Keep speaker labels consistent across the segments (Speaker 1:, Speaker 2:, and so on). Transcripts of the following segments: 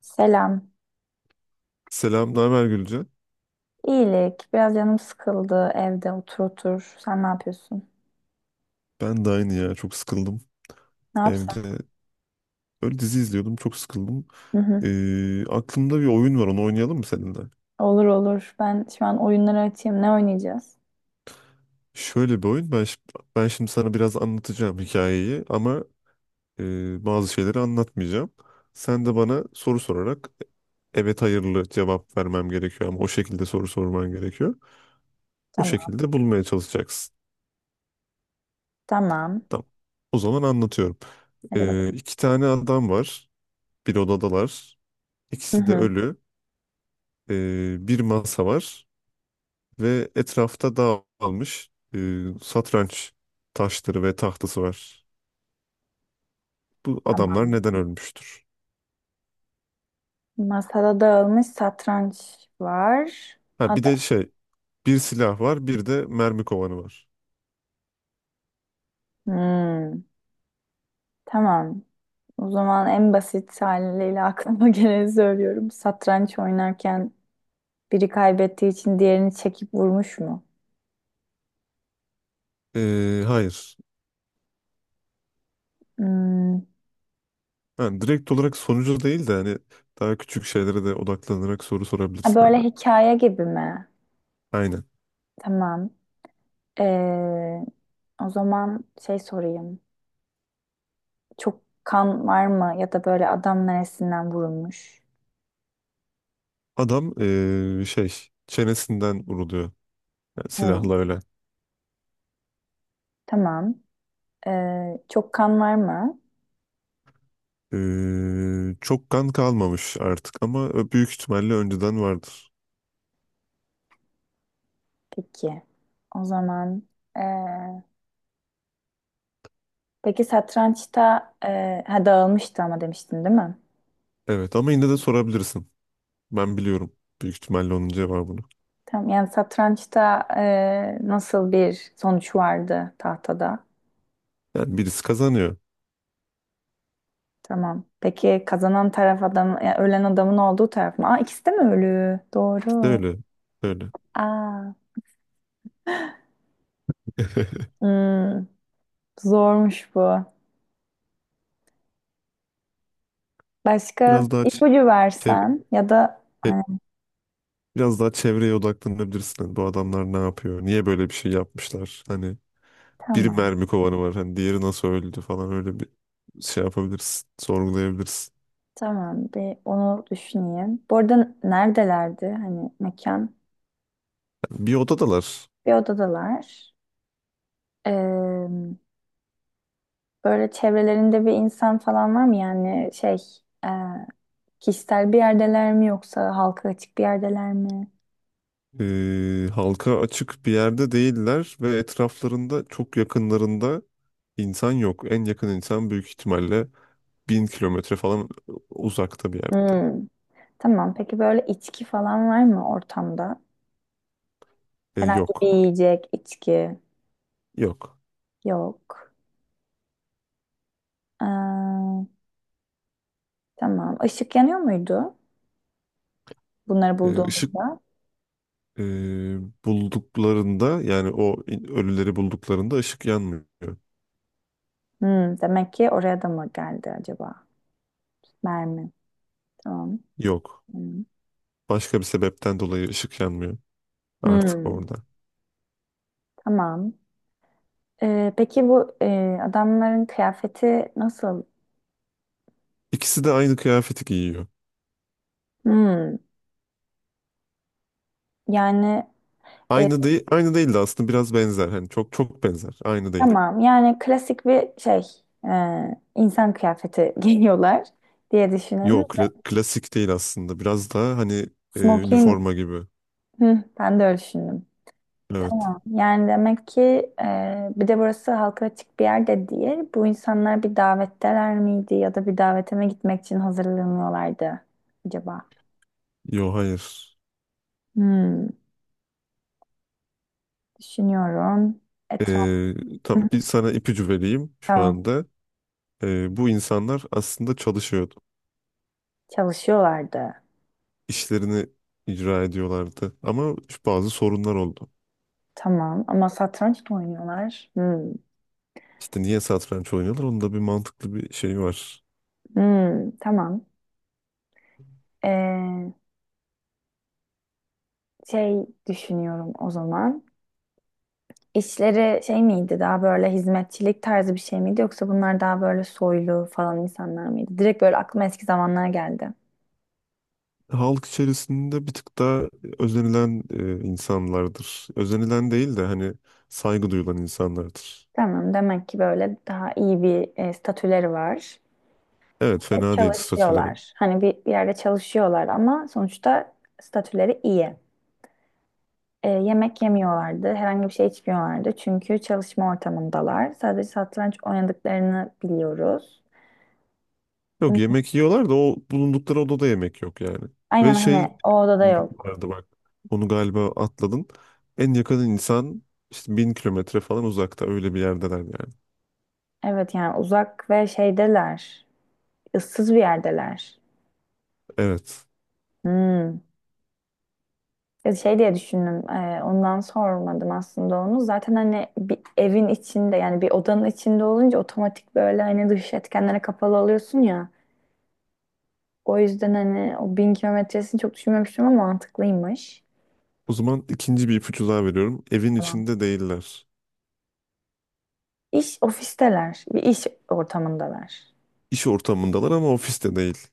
Speaker 1: Selam.
Speaker 2: Selam, ne haber Gülce?
Speaker 1: İyilik. Biraz canım sıkıldı evde otur. Sen ne yapıyorsun?
Speaker 2: Ben de aynı ya, çok sıkıldım
Speaker 1: Ne yapsam?
Speaker 2: evde. Böyle dizi izliyordum, çok sıkıldım.
Speaker 1: Hı hı.
Speaker 2: Aklımda bir oyun var, onu oynayalım mı seninle?
Speaker 1: Olur olur. Ben şu an oyunları açayım. Ne oynayacağız?
Speaker 2: Şöyle bir oyun, ben, şi- ben şimdi sana biraz anlatacağım hikayeyi ama bazı şeyleri anlatmayacağım. Sen de bana soru sorarak evet hayırlı cevap vermem gerekiyor ama o şekilde soru sorman gerekiyor. O
Speaker 1: Tamam.
Speaker 2: şekilde bulmaya çalışacaksın.
Speaker 1: Tamam.
Speaker 2: Tamam. O zaman anlatıyorum.
Speaker 1: Hadi bakalım.
Speaker 2: İki tane adam var, bir odadalar.
Speaker 1: Hı
Speaker 2: İkisi de
Speaker 1: hı.
Speaker 2: ölü. Bir masa var ve etrafta dağılmış satranç taşları ve tahtası var. Bu
Speaker 1: Tamam.
Speaker 2: adamlar neden ölmüştür?
Speaker 1: Masada dağılmış satranç var.
Speaker 2: Ha, bir de
Speaker 1: Ada.
Speaker 2: şey, bir silah var bir de mermi kovanı var.
Speaker 1: Hmm. Tamam. O zaman en basit haliyle aklıma geleni söylüyorum. Satranç oynarken biri kaybettiği için diğerini çekip vurmuş mu?
Speaker 2: Hayır.
Speaker 1: Hmm.
Speaker 2: Yani direkt olarak sonucu değil de hani daha küçük şeylere de odaklanarak soru
Speaker 1: Ha,
Speaker 2: sorabilirsin.
Speaker 1: böyle
Speaker 2: Yani.
Speaker 1: hikaye gibi mi?
Speaker 2: Aynen.
Speaker 1: Tamam. Ee, O zaman şey sorayım. Çok kan var mı ya da böyle adam neresinden vurulmuş?
Speaker 2: Adam çenesinden vuruluyor yani
Speaker 1: Hı,
Speaker 2: silahla öyle.
Speaker 1: tamam. Çok kan var mı?
Speaker 2: Çok kan kalmamış artık ama büyük ihtimalle önceden vardır.
Speaker 1: Peki. O zaman ee, peki satrançta ha, dağılmıştı ama demiştin değil mi?
Speaker 2: Evet ama yine de sorabilirsin. Ben biliyorum büyük ihtimalle onun cevabını.
Speaker 1: Tamam. Yani satrançta nasıl bir sonuç vardı tahtada?
Speaker 2: Yani birisi kazanıyor.
Speaker 1: Tamam. Peki kazanan taraf adam, yani ölen adamın olduğu taraf mı? Aa, ikisi de mi ölü?
Speaker 2: İşte
Speaker 1: Doğru.
Speaker 2: öyle. Öyle.
Speaker 1: Aa. Hmm. Zormuş bu. Başka
Speaker 2: Biraz daha ç-
Speaker 1: ipucu
Speaker 2: çe-
Speaker 1: versen ya da
Speaker 2: e,
Speaker 1: hani
Speaker 2: Biraz daha çevreye odaklanabilirsin. Hani bu adamlar ne yapıyor? Niye böyle bir şey yapmışlar? Hani bir
Speaker 1: tamam
Speaker 2: mermi kovanı var. Hani diğeri nasıl öldü falan öyle bir şey yapabilirsin. Sorgulayabilirsin.
Speaker 1: tamam bir onu düşüneyim. Bu arada neredelerdi hani mekan?
Speaker 2: Yani bir odadalar.
Speaker 1: Bir odadalar. Ee, Böyle çevrelerinde bir insan falan var mı? Yani şey e, kişisel bir yerdeler mi yoksa halka açık bir yerdeler mi?
Speaker 2: Halka açık bir yerde değiller ve etraflarında çok yakınlarında insan yok. En yakın insan büyük ihtimalle 1.000 kilometre falan uzakta bir yerde.
Speaker 1: Hmm. Tamam, peki böyle içki falan var mı ortamda? Herhangi bir
Speaker 2: Yok.
Speaker 1: yiyecek, içki
Speaker 2: Yok.
Speaker 1: yok. Tamam. Işık yanıyor muydu bunları
Speaker 2: E, ışık
Speaker 1: bulduğumuzda?
Speaker 2: e, Bulduklarında yani ölüleri bulduklarında ışık yanmıyor.
Speaker 1: Hmm, demek ki oraya da mı geldi acaba? Mermi. Tamam.
Speaker 2: Yok.
Speaker 1: Hmm.
Speaker 2: Başka bir sebepten dolayı ışık yanmıyor artık
Speaker 1: Hmm,
Speaker 2: orada.
Speaker 1: tamam. Peki bu adamların kıyafeti nasıl?
Speaker 2: İkisi de aynı kıyafeti giyiyor.
Speaker 1: Hmm, yani e,
Speaker 2: Aynı değil, aynı değil de aslında biraz benzer. Hani çok çok benzer. Aynı değil.
Speaker 1: tamam. Yani klasik bir şey insan kıyafeti giyiyorlar diye düşünelim.
Speaker 2: Yok, klasik değil aslında. Biraz daha hani
Speaker 1: Smoking.
Speaker 2: üniforma gibi.
Speaker 1: Hı, ben de öyle düşündüm.
Speaker 2: Evet.
Speaker 1: Tamam. Yani demek ki bir de burası halka açık bir yerde değil. Bu insanlar bir davetteler miydi ya da bir davete davetime gitmek için hazırlanıyorlardı acaba?
Speaker 2: Yok, hayır.
Speaker 1: Hmm, düşünüyorum. Etraf
Speaker 2: E,
Speaker 1: hı hı,
Speaker 2: tam bir sana ipucu vereyim şu
Speaker 1: tamam,
Speaker 2: anda. Bu insanlar aslında çalışıyordu.
Speaker 1: çalışıyorlardı.
Speaker 2: İşlerini icra ediyorlardı. Ama şu bazı sorunlar oldu.
Speaker 1: Tamam ama satranç da oynuyorlar. Hmm,
Speaker 2: İşte niye satranç oynuyorlar? Onun da bir mantıklı bir şeyi var.
Speaker 1: hmm, tamam. Ee, Şey düşünüyorum o zaman. İşleri şey miydi, daha böyle hizmetçilik tarzı bir şey miydi yoksa bunlar daha böyle soylu falan insanlar mıydı? Direkt böyle aklıma eski zamanlar geldi.
Speaker 2: Halk içerisinde bir tık daha özenilen insanlardır. Özenilen değil de hani saygı duyulan insanlardır.
Speaker 1: Tamam, demek ki böyle daha iyi bir statüleri var.
Speaker 2: Evet
Speaker 1: E,
Speaker 2: fena değil statüleri.
Speaker 1: çalışıyorlar. Hani bir, bir yerde çalışıyorlar ama sonuçta statüleri iyi. E, yemek yemiyorlardı, herhangi bir şey içmiyorlardı çünkü çalışma ortamındalar. Sadece satranç oynadıklarını biliyoruz.
Speaker 2: Yok yemek yiyorlar da o bulundukları odada yemek yok yani.
Speaker 1: Aynen,
Speaker 2: Ve şey,
Speaker 1: hani o odada
Speaker 2: ilginç
Speaker 1: yok.
Speaker 2: vardı bak. Onu galiba atladın. En yakın insan işte 1.000 kilometre falan uzakta öyle bir yerdeler yani.
Speaker 1: Evet, yani uzak ve şeydeler. Issız bir yerdeler.
Speaker 2: Evet.
Speaker 1: Hmm. Ya şey diye düşündüm. Ondan sormadım aslında onu. Zaten hani bir evin içinde yani bir odanın içinde olunca otomatik böyle hani dış etkenlere kapalı oluyorsun ya. O yüzden hani o bin kilometresini çok düşünmemiştim ama mantıklıymış.
Speaker 2: O zaman ikinci bir ipucu daha veriyorum. Evin
Speaker 1: Tamam.
Speaker 2: içinde değiller.
Speaker 1: İş ofisteler. Bir iş ortamındalar.
Speaker 2: İş ortamındalar ama ofiste değil.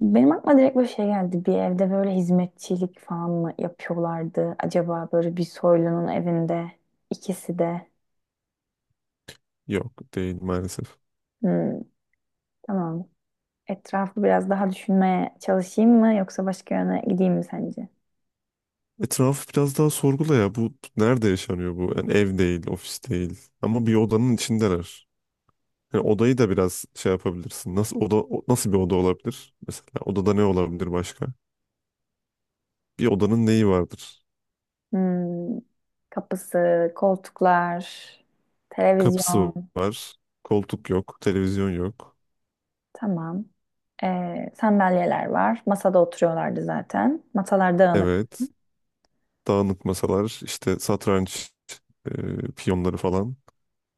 Speaker 1: Benim aklıma direkt böyle şey geldi. Bir evde böyle hizmetçilik falan mı yapıyorlardı? Acaba böyle bir soylunun evinde ikisi de.
Speaker 2: Yok değil maalesef.
Speaker 1: Hmm, tamam. Etrafı biraz daha düşünmeye çalışayım mı yoksa başka yöne gideyim mi sence?
Speaker 2: Etrafı biraz daha sorgula ya. Bu nerede yaşanıyor bu? Yani ev değil, ofis değil. Ama bir odanın içindeler. Hani odayı da biraz şey yapabilirsin. Nasıl nasıl bir oda olabilir? Mesela odada ne olabilir başka? Bir odanın neyi vardır?
Speaker 1: Hmm, kapısı, koltuklar,
Speaker 2: Kapısı
Speaker 1: televizyon.
Speaker 2: var. Koltuk yok. Televizyon yok.
Speaker 1: Tamam. Sandalyeler var. Masada oturuyorlardı zaten. Masalar dağınık.
Speaker 2: Evet. Dağınık masalar, işte satranç piyonları falan,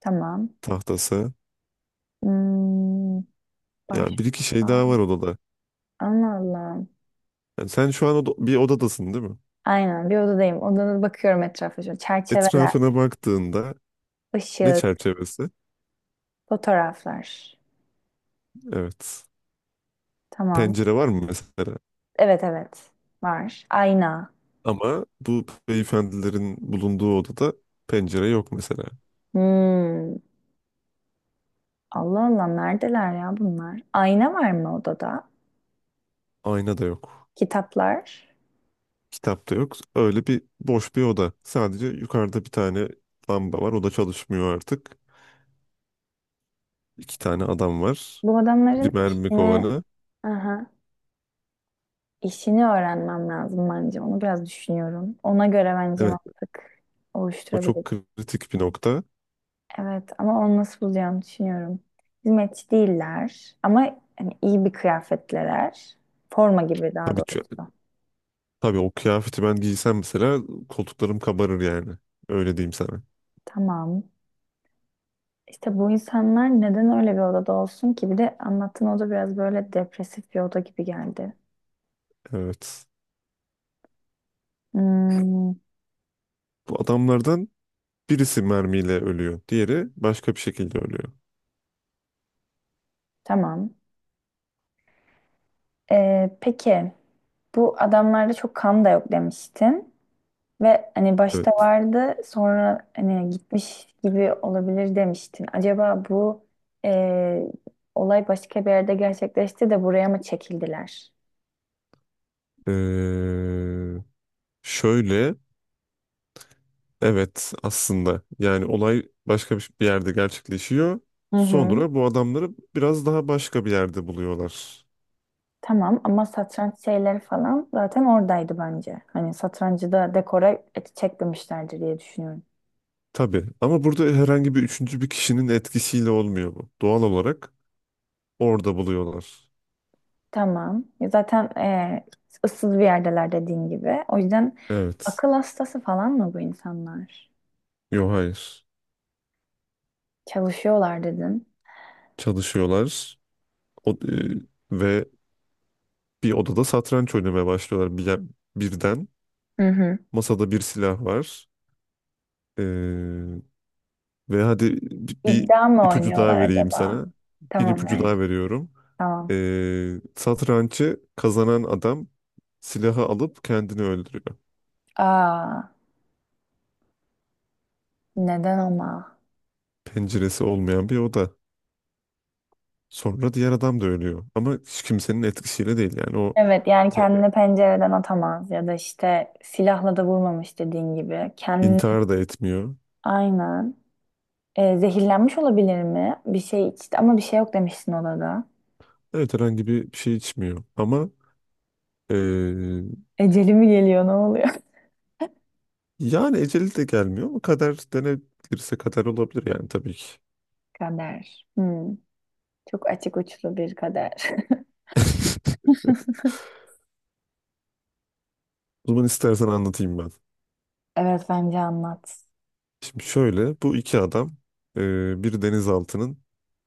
Speaker 1: Tamam.
Speaker 2: tahtası.
Speaker 1: Hmm, başka.
Speaker 2: Yani bir iki şey daha var odada.
Speaker 1: Allah Allah.
Speaker 2: Yani sen şu an bir odadasın değil mi?
Speaker 1: Aynen, bir odadayım. Odada bakıyorum etrafa. Şöyle çerçeveler,
Speaker 2: Etrafına baktığında ne
Speaker 1: ışık,
Speaker 2: çerçevesi?
Speaker 1: fotoğraflar.
Speaker 2: Evet.
Speaker 1: Tamam.
Speaker 2: Pencere var mı mesela?
Speaker 1: Evet, evet var. Ayna.
Speaker 2: Ama bu beyefendilerin bulunduğu odada pencere yok mesela.
Speaker 1: Hmm. Allah Allah, neredeler ya bunlar? Ayna var mı odada?
Speaker 2: Ayna da yok.
Speaker 1: Kitaplar.
Speaker 2: Kitap da yok. Öyle bir boş bir oda. Sadece yukarıda bir tane lamba var. O da çalışmıyor artık. İki tane adam var.
Speaker 1: Bu
Speaker 2: Bir
Speaker 1: adamların
Speaker 2: mermi
Speaker 1: işini
Speaker 2: kovanı.
Speaker 1: aha, işini öğrenmem lazım bence. Onu biraz düşünüyorum. Ona göre bence
Speaker 2: Evet,
Speaker 1: mantık
Speaker 2: o çok
Speaker 1: oluşturabilirim.
Speaker 2: kritik bir nokta.
Speaker 1: Evet ama onu nasıl bulacağımı düşünüyorum. Hizmetçi değiller ama hani iyi bir kıyafetliler. Forma gibi daha
Speaker 2: Tabii, ç-
Speaker 1: doğrusu.
Speaker 2: tabii o kıyafeti ben giysem mesela koltuklarım kabarır yani. Öyle diyeyim sana.
Speaker 1: Tamam. İşte bu insanlar neden öyle bir odada olsun ki? Bir de anlattığın oda biraz böyle depresif bir oda gibi geldi.
Speaker 2: Evet.
Speaker 1: Hmm,
Speaker 2: Bu adamlardan birisi mermiyle ölüyor. Diğeri başka bir şekilde ölüyor.
Speaker 1: tamam. Peki bu adamlarda çok kan da yok demiştin. Ve hani başta
Speaker 2: Evet.
Speaker 1: vardı sonra hani gitmiş gibi olabilir demiştin. Acaba bu e, olay başka bir yerde gerçekleşti de buraya mı çekildiler?
Speaker 2: Ee, şöyle Evet aslında yani olay başka bir yerde gerçekleşiyor.
Speaker 1: Hı hı.
Speaker 2: Sonra bu adamları biraz daha başka bir yerde buluyorlar.
Speaker 1: Tamam ama satranç şeyleri falan zaten oradaydı bence. Hani satrancı da dekora çekmemişlerdir diye düşünüyorum.
Speaker 2: Tabii ama burada herhangi bir üçüncü bir kişinin etkisiyle olmuyor bu. Doğal olarak orada buluyorlar.
Speaker 1: Tamam. Zaten ıssız bir yerdeler dediğin gibi. O yüzden
Speaker 2: Evet.
Speaker 1: akıl hastası falan mı bu insanlar?
Speaker 2: Yok hayır.
Speaker 1: Çalışıyorlar dedin.
Speaker 2: Çalışıyorlar. O- e, ve bir odada satranç oynamaya başlıyorlar birden.
Speaker 1: Hı hı.
Speaker 2: Masada bir silah var. Ve hadi bir
Speaker 1: İddia mı
Speaker 2: ipucu daha
Speaker 1: oynuyorlar
Speaker 2: vereyim
Speaker 1: acaba?
Speaker 2: sana. Bir
Speaker 1: Tamam,
Speaker 2: ipucu
Speaker 1: hayır.
Speaker 2: daha veriyorum.
Speaker 1: Tamam.
Speaker 2: Satrancı kazanan adam silahı alıp kendini öldürüyor.
Speaker 1: Aa, neden ama?
Speaker 2: Penceresi olmayan bir oda. Sonra diğer adam da ölüyor. Ama hiç kimsenin etkisiyle değil yani
Speaker 1: Evet, yani
Speaker 2: e,
Speaker 1: kendini pencereden atamaz ya da işte silahla da vurmamış dediğin gibi. Kendini
Speaker 2: intihar da etmiyor.
Speaker 1: aynen. E, zehirlenmiş olabilir mi? Bir şey içti ama bir şey yok demiştin odada.
Speaker 2: Evet herhangi bir şey içmiyor. Ama e,
Speaker 1: Eceli mi geliyor, ne oluyor?
Speaker 2: yani eceli de gelmiyor ama kader denebilirse kader olabilir yani tabii ki.
Speaker 1: Kader. Hmm, çok açık uçlu bir kader.
Speaker 2: O zaman istersen anlatayım ben.
Speaker 1: Evet, bence anlat.
Speaker 2: Şimdi şöyle, bu iki adam bir denizaltının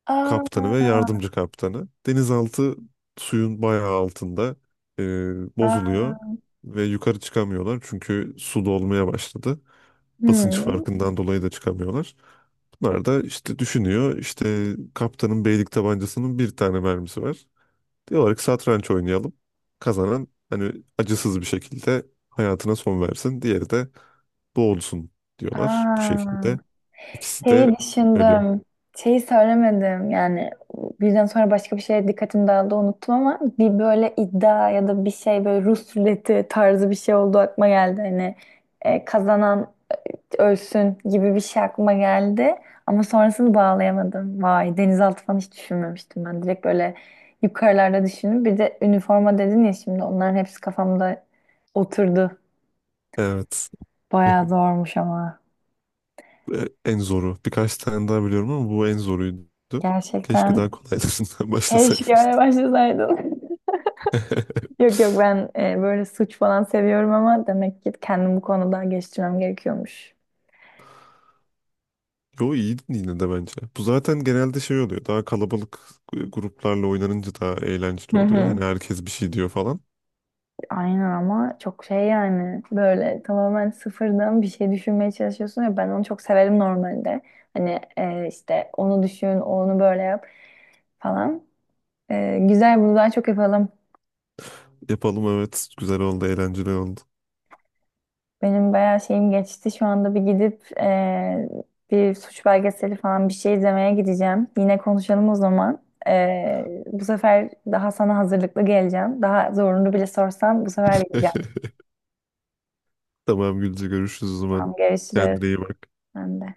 Speaker 1: Aa,
Speaker 2: kaptanı ve yardımcı kaptanı. Denizaltı suyun bayağı altında e,
Speaker 1: aa,
Speaker 2: bozuluyor ve yukarı çıkamıyorlar çünkü su dolmaya başladı. Basınç
Speaker 1: hmm,
Speaker 2: farkından dolayı da çıkamıyorlar. Bunlar da işte düşünüyor, işte kaptanın beylik tabancasının bir tane mermisi var. Diyorlar ki satranç oynayalım. Kazanan hani acısız bir şekilde hayatına son versin. Diğeri de boğulsun diyorlar bu
Speaker 1: aa.
Speaker 2: şekilde. İkisi de
Speaker 1: Şeyi
Speaker 2: ölü.
Speaker 1: düşündüm. Şeyi söylemedim yani birden sonra başka bir şeye dikkatim dağıldı unuttum ama bir böyle iddia ya da bir şey böyle Rus ruleti tarzı bir şey oldu aklıma geldi hani kazanan ölsün gibi bir şey aklıma geldi. Ama sonrasını bağlayamadım. Vay, denizaltı falan hiç düşünmemiştim ben. Direkt böyle yukarılarda düşündüm. Bir de üniforma dedin ya, şimdi onların hepsi kafamda oturdu.
Speaker 2: Evet.
Speaker 1: Bayağı zormuş ama.
Speaker 2: E, en zoru. Birkaç tane daha biliyorum ama bu en zoruydu. Keşke
Speaker 1: Gerçekten
Speaker 2: daha kolaylarından
Speaker 1: keşke
Speaker 2: başlasaymıştım.
Speaker 1: öyle başlasaydım. Yok yok, ben böyle suç falan seviyorum ama demek ki kendimi bu konuda geliştirmem gerekiyormuş.
Speaker 2: Yo iyiydin yine de bence. Bu zaten genelde şey oluyor. Daha kalabalık gruplarla oynanınca daha eğlenceli
Speaker 1: Hı
Speaker 2: oluyor.
Speaker 1: hı.
Speaker 2: Hani herkes bir şey diyor falan.
Speaker 1: Aynen ama çok şey, yani böyle tamamen sıfırdan bir şey düşünmeye çalışıyorsun ya, ben onu çok severim normalde. Hani işte onu düşün, onu böyle yap falan. E, güzel, bunu daha çok yapalım.
Speaker 2: Yapalım evet. Güzel oldu, eğlenceli oldu.
Speaker 1: Benim bayağı şeyim geçti. Şu anda bir gidip bir suç belgeseli falan bir şey izlemeye gideceğim. Yine konuşalım o zaman. E, bu sefer daha sana hazırlıklı geleceğim. Daha zorunu bile sorsam bu sefer bileceğim.
Speaker 2: Tamam Gülce, görüşürüz o zaman.
Speaker 1: Tamam, görüşürüz.
Speaker 2: Kendine iyi bak.
Speaker 1: Ben de.